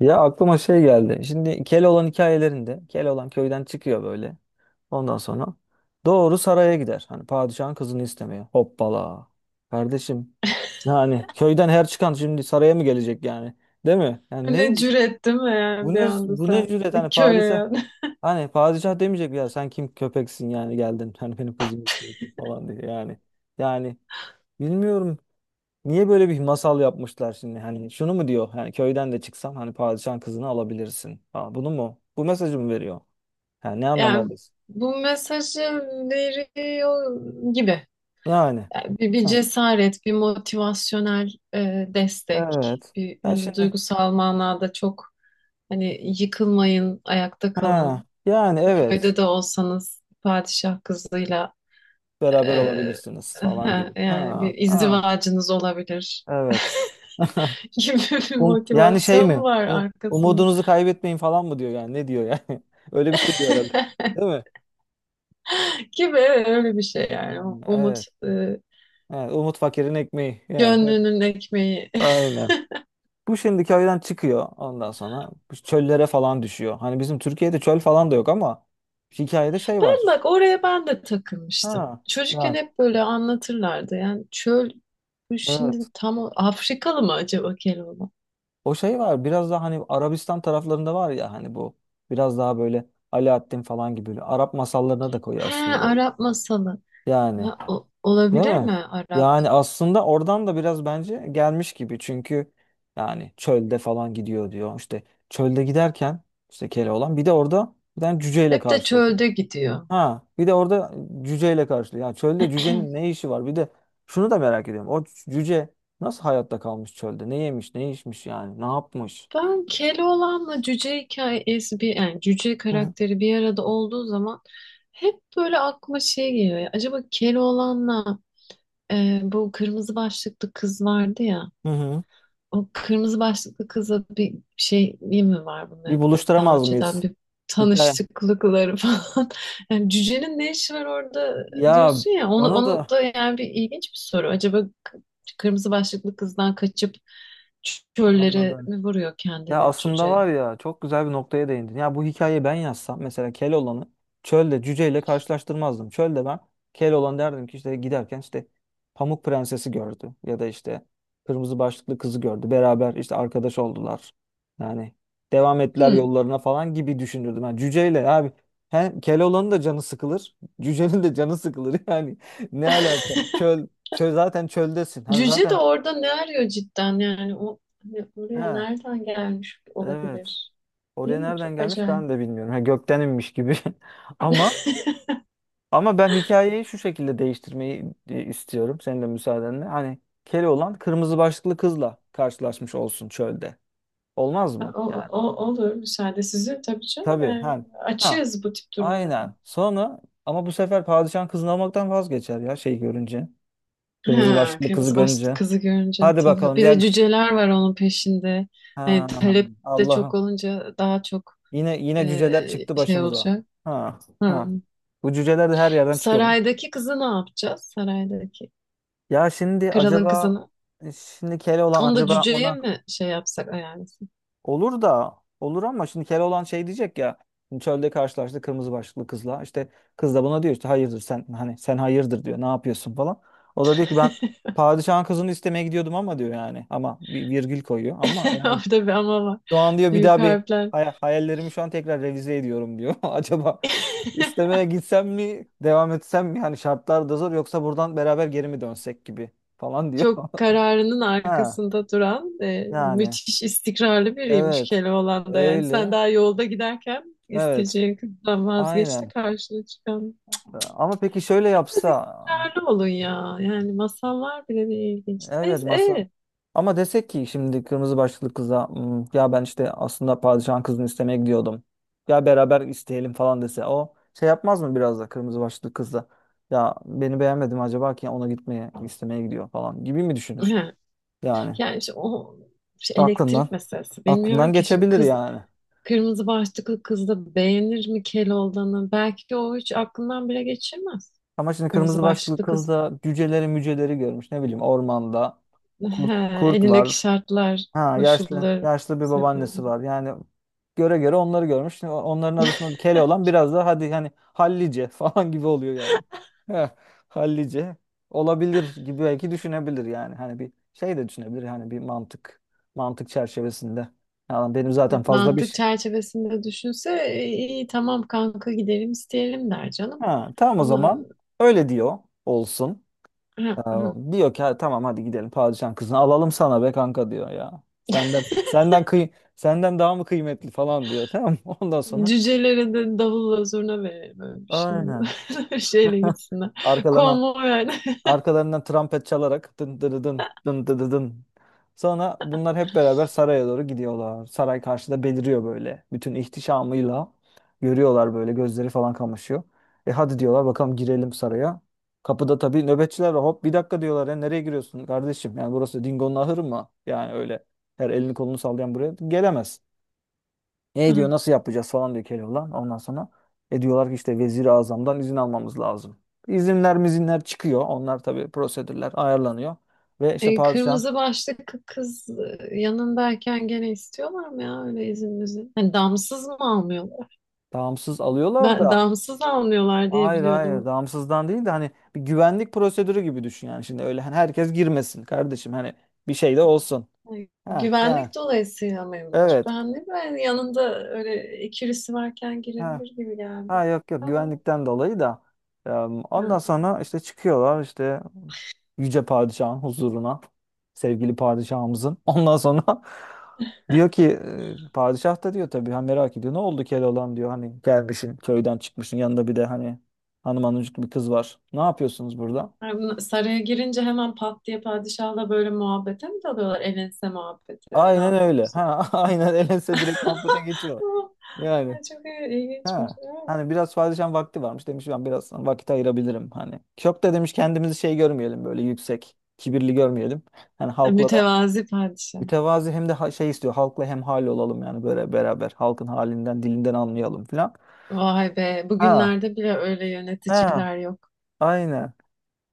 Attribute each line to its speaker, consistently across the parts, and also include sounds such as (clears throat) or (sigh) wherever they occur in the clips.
Speaker 1: Ya aklıma şey geldi. Şimdi Keloğlan hikayelerinde Keloğlan köyden çıkıyor böyle. Ondan sonra doğru saraya gider. Hani padişahın kızını istemiyor. Hoppala. Kardeşim
Speaker 2: (laughs)
Speaker 1: yani köyden her çıkan şimdi saraya mı gelecek yani? Değil mi? Yani ne
Speaker 2: Ne cüret değil mi yani
Speaker 1: bu
Speaker 2: bir
Speaker 1: ne
Speaker 2: anda
Speaker 1: bu ne
Speaker 2: sen
Speaker 1: cüret, hani
Speaker 2: köye
Speaker 1: padişah,
Speaker 2: yani.
Speaker 1: hani padişah demeyecek ya sen kim köpeksin, yani geldin (laughs) hani benim kızım istiyorsun" falan diye yani. Yani bilmiyorum, niye böyle bir masal yapmışlar şimdi? Hani şunu mu diyor? Yani köyden de çıksam hani padişahın kızını alabilirsin. Ha, bunu mu? Bu mesajı mı veriyor? Yani ne
Speaker 2: (laughs) Yani
Speaker 1: anlamalıyız?
Speaker 2: bu mesajı veriyor gibi.
Speaker 1: Yani.
Speaker 2: Yani bir
Speaker 1: Ha,
Speaker 2: cesaret, bir motivasyonel destek,
Speaker 1: evet.
Speaker 2: bir
Speaker 1: Ya
Speaker 2: hani
Speaker 1: şimdi.
Speaker 2: duygusal manada çok hani yıkılmayın, ayakta
Speaker 1: Ha,
Speaker 2: kalın.
Speaker 1: yani evet.
Speaker 2: Köyde de olsanız padişah kızıyla
Speaker 1: Beraber
Speaker 2: e,
Speaker 1: olabilirsiniz falan gibi.
Speaker 2: (laughs) yani
Speaker 1: Ha,
Speaker 2: bir
Speaker 1: ha,
Speaker 2: izdivacınız olabilir
Speaker 1: evet.
Speaker 2: (laughs)
Speaker 1: (laughs)
Speaker 2: gibi bir
Speaker 1: Yani şey
Speaker 2: motivasyon mu
Speaker 1: mi?
Speaker 2: var arkasında?
Speaker 1: Umudunuzu kaybetmeyin falan mı diyor yani? Ne diyor yani? (laughs) Öyle bir şey diyor herhalde.
Speaker 2: (laughs)
Speaker 1: Değil mi?
Speaker 2: gibi öyle bir şey
Speaker 1: Ha,
Speaker 2: yani. Umut
Speaker 1: evet.
Speaker 2: e,
Speaker 1: Evet. Umut fakirin ekmeği. Yani. Evet.
Speaker 2: gönlünün ekmeği. (laughs)
Speaker 1: Aynen. Bu şimdi köyden çıkıyor, ondan sonra bu çöllere falan düşüyor. Hani bizim Türkiye'de çöl falan da yok ama hikayede şey var.
Speaker 2: Ben
Speaker 1: İşte.
Speaker 2: bak oraya ben de takılmıştım.
Speaker 1: Ha,
Speaker 2: Çocukken
Speaker 1: ha,
Speaker 2: hep böyle anlatırlardı. Yani çöl bu şimdi
Speaker 1: evet.
Speaker 2: tam Afrikalı mı acaba Keloğlan?
Speaker 1: O şey var, biraz daha hani Arabistan taraflarında var ya, hani bu biraz daha böyle Alaaddin falan gibi böyle Arap masallarına da koyuyor
Speaker 2: He,
Speaker 1: aslında böyle.
Speaker 2: Arap masalı.
Speaker 1: Yani
Speaker 2: Ha,
Speaker 1: değil
Speaker 2: olabilir mi
Speaker 1: mi?
Speaker 2: Arap?
Speaker 1: Yani aslında oradan da biraz bence gelmiş gibi, çünkü yani çölde falan gidiyor diyor. İşte çölde giderken işte Keloğlan bir de orada bir tane cüceyle
Speaker 2: Hep de
Speaker 1: karşılaşıyor.
Speaker 2: çölde gidiyor.
Speaker 1: Ha, bir de orada cüceyle karşılıyor. Ya çölde cücenin
Speaker 2: (clears throat)
Speaker 1: ne işi var? Bir de şunu da merak ediyorum. O cüce nasıl hayatta kalmış çölde? Ne yemiş, ne içmiş yani? Ne yapmış?
Speaker 2: Ben Keloğlan'la cüce hikayesi bir yani cüce
Speaker 1: Hı hı.
Speaker 2: karakteri bir arada olduğu zaman hep böyle aklıma şey geliyor. Ya, acaba Keloğlan'la bu kırmızı başlıklı kız vardı ya.
Speaker 1: Hı hı.
Speaker 2: O kırmızı başlıklı kızla bir şey iyi mi var
Speaker 1: Bir
Speaker 2: bunların? Hani daha
Speaker 1: buluşturamaz
Speaker 2: önceden
Speaker 1: mıyız?
Speaker 2: bir
Speaker 1: Hikaye.
Speaker 2: tanıştıklıkları (laughs) falan. Yani cücenin ne işi var orada
Speaker 1: Ya
Speaker 2: diyorsun ya. Onu,
Speaker 1: bana
Speaker 2: onu
Speaker 1: da
Speaker 2: da yani bir ilginç bir soru. Acaba kırmızı başlıklı kızdan kaçıp çöllere
Speaker 1: anladım.
Speaker 2: mi vuruyor
Speaker 1: Ya
Speaker 2: kendini
Speaker 1: aslında
Speaker 2: cüce?
Speaker 1: var ya, çok güzel bir noktaya değindin. Ya bu hikayeyi ben yazsam mesela Keloğlan'ı çölde cüceyle karşılaştırmazdım. Çölde ben Keloğlan derdim ki işte giderken işte Pamuk Prensesi gördü ya da işte kırmızı başlıklı kızı gördü. Beraber işte arkadaş oldular. Yani devam ettiler
Speaker 2: Hmm.
Speaker 1: yollarına falan gibi düşünürdüm. Yani cüceyle abi hem Keloğlan'ın da canı sıkılır. (laughs) Cücenin de canı sıkılır. (laughs) Yani ne alaka?
Speaker 2: (laughs)
Speaker 1: Çöl, çöl zaten çöldesin. Hani
Speaker 2: Cüce de
Speaker 1: zaten
Speaker 2: orada ne arıyor cidden yani o hani oraya
Speaker 1: ha
Speaker 2: nereden gelmiş
Speaker 1: evet.
Speaker 2: olabilir? Değil
Speaker 1: Oraya
Speaker 2: mi?
Speaker 1: nereden
Speaker 2: Çok
Speaker 1: gelmiş
Speaker 2: acayip.
Speaker 1: ben de bilmiyorum. Ha, gökten inmiş gibi. (laughs) Ama
Speaker 2: (laughs)
Speaker 1: ama ben hikayeyi şu şekilde değiştirmeyi istiyorum. Senin de müsaadenle. Hani Keloğlan kırmızı başlıklı kızla karşılaşmış olsun çölde. Olmaz mı?
Speaker 2: O,
Speaker 1: Yani
Speaker 2: olur, müsaade sizin tabii canım.
Speaker 1: tabii.
Speaker 2: Yani
Speaker 1: Ha, ha
Speaker 2: açığız bu tip durumlara.
Speaker 1: aynen. Sonra ama bu sefer padişahın kızını almaktan vazgeçer ya şey görünce. Kırmızı
Speaker 2: Ha,
Speaker 1: başlıklı kızı
Speaker 2: kırmızı başlı
Speaker 1: görünce.
Speaker 2: kızı görünce
Speaker 1: Hadi
Speaker 2: tabii.
Speaker 1: bakalım
Speaker 2: Bir de
Speaker 1: gel.
Speaker 2: cüceler var onun peşinde. Hani
Speaker 1: Ha,
Speaker 2: talep de çok
Speaker 1: Allah'ım.
Speaker 2: olunca daha çok
Speaker 1: Yine cüceler çıktı
Speaker 2: şey
Speaker 1: başımıza.
Speaker 2: olacak.
Speaker 1: Ha,
Speaker 2: Hı.
Speaker 1: ha. Bu cüceler de her yerden çıkıyor.
Speaker 2: Saraydaki kızı ne yapacağız? Saraydaki
Speaker 1: Ya şimdi
Speaker 2: kralın
Speaker 1: acaba
Speaker 2: kızını.
Speaker 1: şimdi Keloğlan
Speaker 2: Onu da
Speaker 1: acaba
Speaker 2: cüceye
Speaker 1: ona
Speaker 2: mi şey yapsak ayarlasın?
Speaker 1: olur da olur, ama şimdi Keloğlan şey diyecek ya, şimdi çölde karşılaştı kırmızı başlıklı kızla, işte kız da buna diyor işte hayırdır sen, hani sen hayırdır diyor, ne yapıyorsun falan. O da diyor ki ben
Speaker 2: (laughs)
Speaker 1: padişahın kızını istemeye gidiyordum ama diyor, yani ama bir virgül koyuyor ama, yani
Speaker 2: Orada bir ama var.
Speaker 1: şu an diyor bir
Speaker 2: Büyük
Speaker 1: daha bir
Speaker 2: harfler.
Speaker 1: hayallerimi şu an tekrar revize ediyorum diyor. (laughs) Acaba
Speaker 2: (laughs)
Speaker 1: istemeye gitsem mi, devam etsem mi, hani şartlar da zor, yoksa buradan beraber geri mi dönsek gibi falan diyor. (laughs)
Speaker 2: Çok kararının
Speaker 1: Ha.
Speaker 2: arkasında duran,
Speaker 1: Yani
Speaker 2: müthiş istikrarlı biriymiş
Speaker 1: evet,
Speaker 2: Keloğlan yani. Sen
Speaker 1: öyle,
Speaker 2: daha yolda giderken
Speaker 1: evet,
Speaker 2: isteyeceğin kızdan vazgeç de
Speaker 1: aynen,
Speaker 2: karşına çıkan.
Speaker 1: ama peki şöyle
Speaker 2: Biraz
Speaker 1: yapsa,
Speaker 2: istikrarlı olun ya. Yani masallar bile bir ilginç.
Speaker 1: evet
Speaker 2: Neyse,
Speaker 1: masa, ama desek ki şimdi kırmızı başlıklı kıza "Hmm, ya ben işte aslında padişahın kızını istemeye gidiyordum, ya beraber isteyelim falan dese, o şey yapmaz mı biraz da kırmızı başlıklı kızla, ya beni beğenmedim acaba ki ona gitmeye istemeye gidiyor falan gibi mi düşünür,
Speaker 2: he,
Speaker 1: yani
Speaker 2: yani işte o işte
Speaker 1: aklından
Speaker 2: elektrik meselesi. Bilmiyorum
Speaker 1: aklından
Speaker 2: ki şimdi
Speaker 1: geçebilir
Speaker 2: kız
Speaker 1: yani.
Speaker 2: kırmızı başlıklı kız da beğenir mi Keloğlan'ı? Belki o hiç aklından bile geçirmez.
Speaker 1: Ama şimdi
Speaker 2: Kırmızı
Speaker 1: kırmızı başlı
Speaker 2: başlıklı
Speaker 1: kız
Speaker 2: kız.
Speaker 1: da cüceleri müceleri görmüş. Ne bileyim ormanda
Speaker 2: He,
Speaker 1: kurt var.
Speaker 2: elindeki şartlar,
Speaker 1: Ha yaşlı
Speaker 2: koşullar
Speaker 1: yaşlı bir babaannesi
Speaker 2: sebebi.
Speaker 1: var. Yani göre göre onları görmüş. Şimdi onların arasında kele olan biraz da hadi hani hallice (laughs) falan gibi oluyor yani. Heh, hallice olabilir
Speaker 2: (laughs)
Speaker 1: gibi belki düşünebilir yani. Hani bir şey de düşünebilir hani bir mantık çerçevesinde. Yani benim zaten fazla bir
Speaker 2: Mantık
Speaker 1: şey.
Speaker 2: çerçevesinde düşünse "E, iyi tamam kanka gidelim isteyelim" der canım.
Speaker 1: Ha, tamam o
Speaker 2: Ama
Speaker 1: zaman
Speaker 2: (laughs)
Speaker 1: öyle diyor olsun.
Speaker 2: hı,
Speaker 1: Ya
Speaker 2: hı,
Speaker 1: diyor ki "Ha, tamam hadi gidelim padişahın kızını alalım sana be kanka diyor ya. Senden kıy senden daha mı kıymetli falan diyor tamam mı? (laughs) Ondan sonra
Speaker 2: cücelere de davulla zurna verelim öyle bir şey.
Speaker 1: aynen.
Speaker 2: (laughs) Öyle bir şeyle
Speaker 1: (laughs)
Speaker 2: gitsinler.
Speaker 1: Arkalarına
Speaker 2: Konvoy yani. (laughs)
Speaker 1: arkalarından trompet çalarak dın dın dın dın dın dın. Dın. Sonra bunlar hep beraber saraya doğru gidiyorlar. Saray karşıda beliriyor böyle. Bütün ihtişamıyla görüyorlar böyle, gözleri falan kamaşıyor. E hadi diyorlar bakalım girelim saraya. Kapıda tabii nöbetçiler var. Hop bir dakika diyorlar ya, nereye giriyorsun kardeşim? Yani burası Dingo'nun ahırı mı? Yani öyle her elini kolunu sallayan buraya gelemez. E diyor
Speaker 2: Hı.
Speaker 1: nasıl yapacağız falan diyor Keloğlan. Ondan sonra e diyorlar ki işte Vezir-i Azam'dan izin almamız lazım. İzinler mizinler çıkıyor. Onlar tabii prosedürler ayarlanıyor. Ve işte
Speaker 2: E,
Speaker 1: padişah
Speaker 2: kırmızı başlıklı kız yanındayken gene istiyorlar mı ya öyle izin müzin? Hani damsız mı almıyorlar?
Speaker 1: damsız alıyorlar
Speaker 2: Ben
Speaker 1: da,
Speaker 2: damsız almıyorlar diye
Speaker 1: hayır hayır
Speaker 2: biliyordum.
Speaker 1: damsızdan değil de hani bir güvenlik prosedürü gibi düşün yani. Şimdi öyle hani herkes girmesin kardeşim, hani bir şey de olsun.
Speaker 2: Ay,
Speaker 1: Ha yani
Speaker 2: güvenlik dolayısıyla mıymış?
Speaker 1: evet.
Speaker 2: Ben de ben yanında öyle ikilisi varken
Speaker 1: Ha.
Speaker 2: girebilir gibi geldi.
Speaker 1: Ha yok yok,
Speaker 2: Tamam.
Speaker 1: güvenlikten dolayı da Eee,
Speaker 2: Ha.
Speaker 1: ondan sonra işte çıkıyorlar işte yüce padişahın huzuruna, sevgili padişahımızın, ondan sonra (laughs) diyor ki padişah da diyor tabii, ha merak ediyor ne oldu Keloğlan diyor hani gelmişsin köyden çıkmışsın yanında bir de hani hanım hanımcık bir kız var ne yapıyorsunuz burada,
Speaker 2: Ha, saraya girince hemen pat diye padişahla böyle muhabbete mi dalıyorlar? El muhabbeti. Ne
Speaker 1: aynen öyle
Speaker 2: yapıyorsunuz? Ne
Speaker 1: ha (laughs)
Speaker 2: edin?
Speaker 1: aynen elense direkt muhabbete geçiyor
Speaker 2: (laughs)
Speaker 1: yani.
Speaker 2: Ay, çok ilginçmiş.
Speaker 1: Ha.
Speaker 2: Ha.
Speaker 1: Hani biraz padişahın vakti varmış, demiş ben biraz vakit ayırabilirim hani. Çok da demiş kendimizi şey görmeyelim böyle yüksek, kibirli görmeyelim. Hani halkla da
Speaker 2: Mütevazi padişah.
Speaker 1: mütevazi, hem de şey istiyor halkla hem hal olalım yani, böyle beraber halkın halinden dilinden anlayalım filan.
Speaker 2: Vay be.
Speaker 1: Ha
Speaker 2: Bugünlerde bile öyle
Speaker 1: ha
Speaker 2: yöneticiler yok.
Speaker 1: aynen.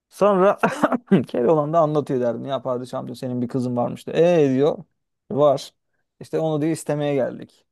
Speaker 1: Sonra
Speaker 2: Eh,
Speaker 1: (laughs) Keloğlan da anlatıyor derdim ya padişahım diyor senin bir kızın varmış diyor. E diyor var. İşte onu diyor istemeye geldik.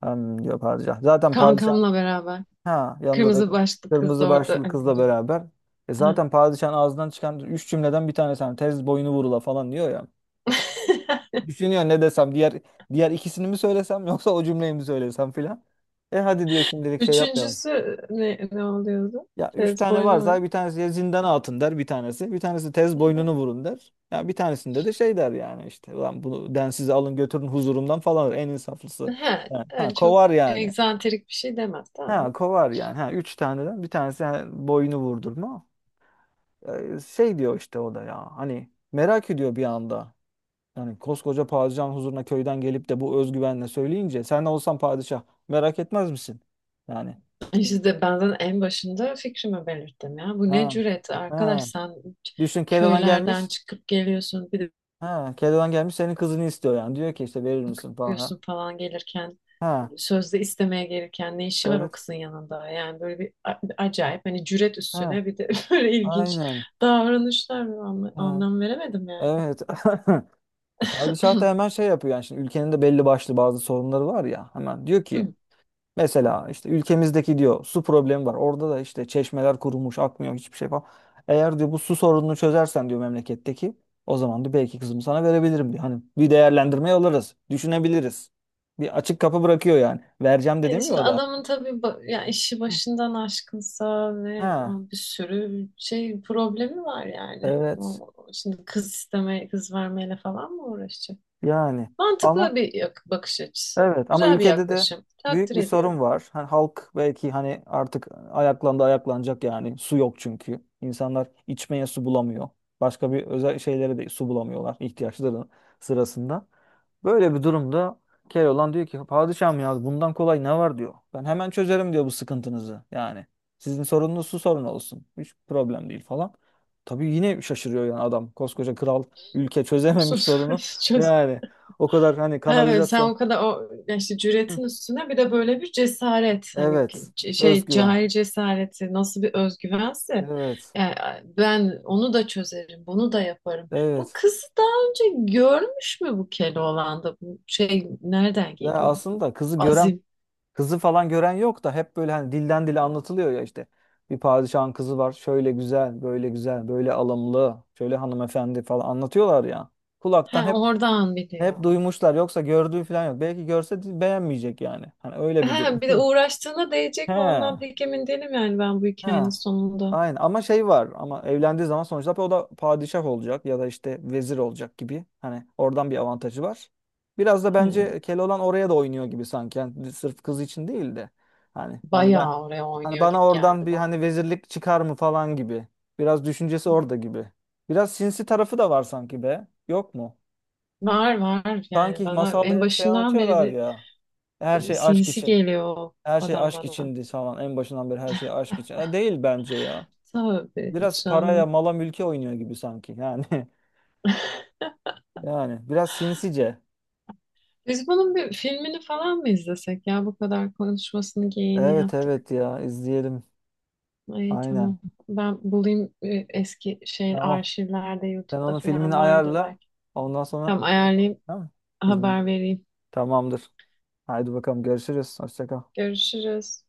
Speaker 1: Hem diyor padişah. Zaten padişah
Speaker 2: kankamla beraber.
Speaker 1: ha, yanında da
Speaker 2: Kırmızı başlı kız
Speaker 1: kırmızı
Speaker 2: da orada.
Speaker 1: başlıklı
Speaker 2: Ay,
Speaker 1: kızla
Speaker 2: böyle bir-
Speaker 1: beraber. E
Speaker 2: Ha.
Speaker 1: zaten padişahın ağzından çıkan üç cümleden bir tanesi hani tez boynu vurula falan diyor ya.
Speaker 2: (laughs)
Speaker 1: Düşünüyor ne desem, diğer ikisini mi söylesem yoksa o cümleyi mi söylesem filan. E hadi diyor şimdilik şey yapmayalım.
Speaker 2: Üçüncüsü ne oluyordu?
Speaker 1: Ya üç
Speaker 2: Tez
Speaker 1: tane
Speaker 2: boynu mu?
Speaker 1: varsa bir tanesi ya zindana atın der bir tanesi. Bir tanesi tez boynunu vurun der. Ya bir tanesinde de şey der yani işte. Ulan bunu densiz alın götürün huzurumdan falan der. En insaflısı.
Speaker 2: He,
Speaker 1: Yani, ha
Speaker 2: öyle çok
Speaker 1: kovar yani.
Speaker 2: egzantrik bir şey demez tamam
Speaker 1: Ha
Speaker 2: mı?
Speaker 1: kovar yani. Ha üç taneden bir tanesi yani boynu vurdurma. E, şey diyor işte o da ya hani merak ediyor bir anda. Yani koskoca padişahın huzuruna köyden gelip de bu özgüvenle söyleyince sen olsan padişah merak etmez misin? Yani
Speaker 2: İşte de benden en başında fikrimi belirttim ya. Bu ne
Speaker 1: ha
Speaker 2: cüret arkadaş
Speaker 1: ha
Speaker 2: sen
Speaker 1: düşün Keloğlan
Speaker 2: köylerden
Speaker 1: gelmiş.
Speaker 2: çıkıp geliyorsun bir de
Speaker 1: Ha Keloğlan gelmiş senin kızını istiyor yani. Diyor ki işte verir misin falan. Ha,
Speaker 2: bakıyorsun falan gelirken
Speaker 1: ha
Speaker 2: sözde istemeye gelirken ne işi var
Speaker 1: evet.
Speaker 2: o kızın yanında? Yani böyle bir acayip hani cüret
Speaker 1: Ha
Speaker 2: üstüne bir de (laughs) böyle ilginç
Speaker 1: aynen.
Speaker 2: davranışlar
Speaker 1: Ha
Speaker 2: anlam veremedim yani.
Speaker 1: evet. (laughs) E, padişah da hemen şey yapıyor yani, şimdi ülkenin de belli başlı bazı sorunları var ya, hemen diyor ki
Speaker 2: (clears throat)
Speaker 1: mesela işte ülkemizdeki diyor su problemi var. Orada da işte çeşmeler kurumuş, akmıyor hiçbir şey falan. Eğer diyor bu su sorununu çözersen diyor memleketteki, o zaman da belki kızımı sana verebilirim diyor. Hani bir değerlendirmeye alırız, düşünebiliriz. Bir açık kapı bırakıyor yani. Vereceğim de
Speaker 2: E,
Speaker 1: demiyor
Speaker 2: şimdi
Speaker 1: o da.
Speaker 2: adamın tabii ya işi
Speaker 1: Hı.
Speaker 2: başından aşkınsa ve
Speaker 1: Ha,
Speaker 2: o bir sürü şey problemi var yani.
Speaker 1: evet
Speaker 2: O, şimdi kız istemeye, kız vermeyle falan mı uğraşacak?
Speaker 1: yani ama
Speaker 2: Mantıklı bir bakış açısı.
Speaker 1: evet ama
Speaker 2: Güzel bir
Speaker 1: ülkede de
Speaker 2: yaklaşım.
Speaker 1: büyük
Speaker 2: Takdir
Speaker 1: bir sorun
Speaker 2: ediyorum.
Speaker 1: var. Hani halk belki hani artık ayaklandı ayaklanacak yani. Su yok çünkü. İnsanlar içmeye su bulamıyor. Başka bir özel şeylere de su bulamıyorlar ihtiyaçları sırasında. Böyle bir durumda Keloğlan diyor ki padişahım ya bundan kolay ne var diyor. Ben hemen çözerim diyor bu sıkıntınızı yani. Sizin sorununuz su sorunu olsun. Hiç problem değil falan. Tabii yine şaşırıyor yani adam. Koskoca kral, ülke çözememiş
Speaker 2: Sorunu
Speaker 1: sorunu.
Speaker 2: (laughs) çöz.
Speaker 1: Yani o kadar hani
Speaker 2: Evet, sen
Speaker 1: kanalizasyon.
Speaker 2: o kadar o ya işte cüretin üstüne bir de böyle bir cesaret hani
Speaker 1: Evet.
Speaker 2: şey
Speaker 1: Özgüven.
Speaker 2: cahil cesareti nasıl bir özgüvense
Speaker 1: Evet.
Speaker 2: yani ben onu da çözerim bunu da yaparım. Bu
Speaker 1: Evet.
Speaker 2: kızı daha önce görmüş mü bu Keloğlan'da bu şey nereden
Speaker 1: Ya
Speaker 2: geliyor?
Speaker 1: aslında kızı gören,
Speaker 2: Azim.
Speaker 1: kızı falan gören yok da hep böyle hani dilden dile anlatılıyor ya işte. Bir padişahın kızı var. Şöyle güzel, böyle güzel, böyle alımlı, şöyle hanımefendi falan anlatıyorlar ya. Kulaktan
Speaker 2: Ha,
Speaker 1: hep
Speaker 2: oradan
Speaker 1: hep
Speaker 2: biliyor.
Speaker 1: duymuşlar, yoksa gördüğü falan yok. Belki görse de beğenmeyecek yani. Hani öyle bir durum.
Speaker 2: Ha bir de uğraştığına
Speaker 1: (laughs) He.
Speaker 2: değecek mi ondan pek emin değilim yani ben bu hikayenin
Speaker 1: Ha.
Speaker 2: sonunda.
Speaker 1: Aynen ama şey var, ama evlendiği zaman sonuçta o da padişah olacak ya da işte vezir olacak gibi. Hani oradan bir avantajı var. Biraz da
Speaker 2: Hı,
Speaker 1: bence Keloğlan oraya da oynuyor gibi sanki. Yani sırf kız için değil de. Hani ben
Speaker 2: bayağı oraya
Speaker 1: hani
Speaker 2: oynuyor
Speaker 1: bana
Speaker 2: gibi
Speaker 1: oradan
Speaker 2: geldi
Speaker 1: bir
Speaker 2: bana.
Speaker 1: hani vezirlik çıkar mı falan gibi. Biraz düşüncesi
Speaker 2: Hı.
Speaker 1: orada gibi. Biraz sinsi tarafı da var sanki be. Yok mu?
Speaker 2: Var var, yani
Speaker 1: Sanki
Speaker 2: bana
Speaker 1: masalda
Speaker 2: en
Speaker 1: hep şey
Speaker 2: başından beri
Speaker 1: anlatıyorlar
Speaker 2: bir
Speaker 1: ya. Her şey aşk
Speaker 2: sinsi
Speaker 1: için.
Speaker 2: geliyor o
Speaker 1: Her şey
Speaker 2: adam
Speaker 1: aşk
Speaker 2: bana.
Speaker 1: içindi falan. En başından beri her şey aşk için. Ha, değil bence ya.
Speaker 2: Tabii
Speaker 1: Biraz paraya,
Speaker 2: canım.
Speaker 1: mala, mülke oynuyor gibi sanki. Yani (laughs) yani biraz sinsice.
Speaker 2: Biz bunun bir filmini falan mı izlesek ya bu kadar konuşmasını geyiğini
Speaker 1: Evet
Speaker 2: yaptık.
Speaker 1: evet ya izleyelim.
Speaker 2: Ay
Speaker 1: Aynen.
Speaker 2: tamam. Ben bulayım eski şey
Speaker 1: Tamam.
Speaker 2: arşivlerde
Speaker 1: Sen
Speaker 2: YouTube'da
Speaker 1: onun filmini
Speaker 2: falan vardır
Speaker 1: ayarla.
Speaker 2: belki.
Speaker 1: Ondan sonra
Speaker 2: Tamam,
Speaker 1: şey yapalım,
Speaker 2: ayarlayayım
Speaker 1: tamam mı?
Speaker 2: haber
Speaker 1: İzleyelim.
Speaker 2: vereyim.
Speaker 1: Tamamdır. Haydi bakalım görüşürüz. Hoşça kal.
Speaker 2: Görüşürüz.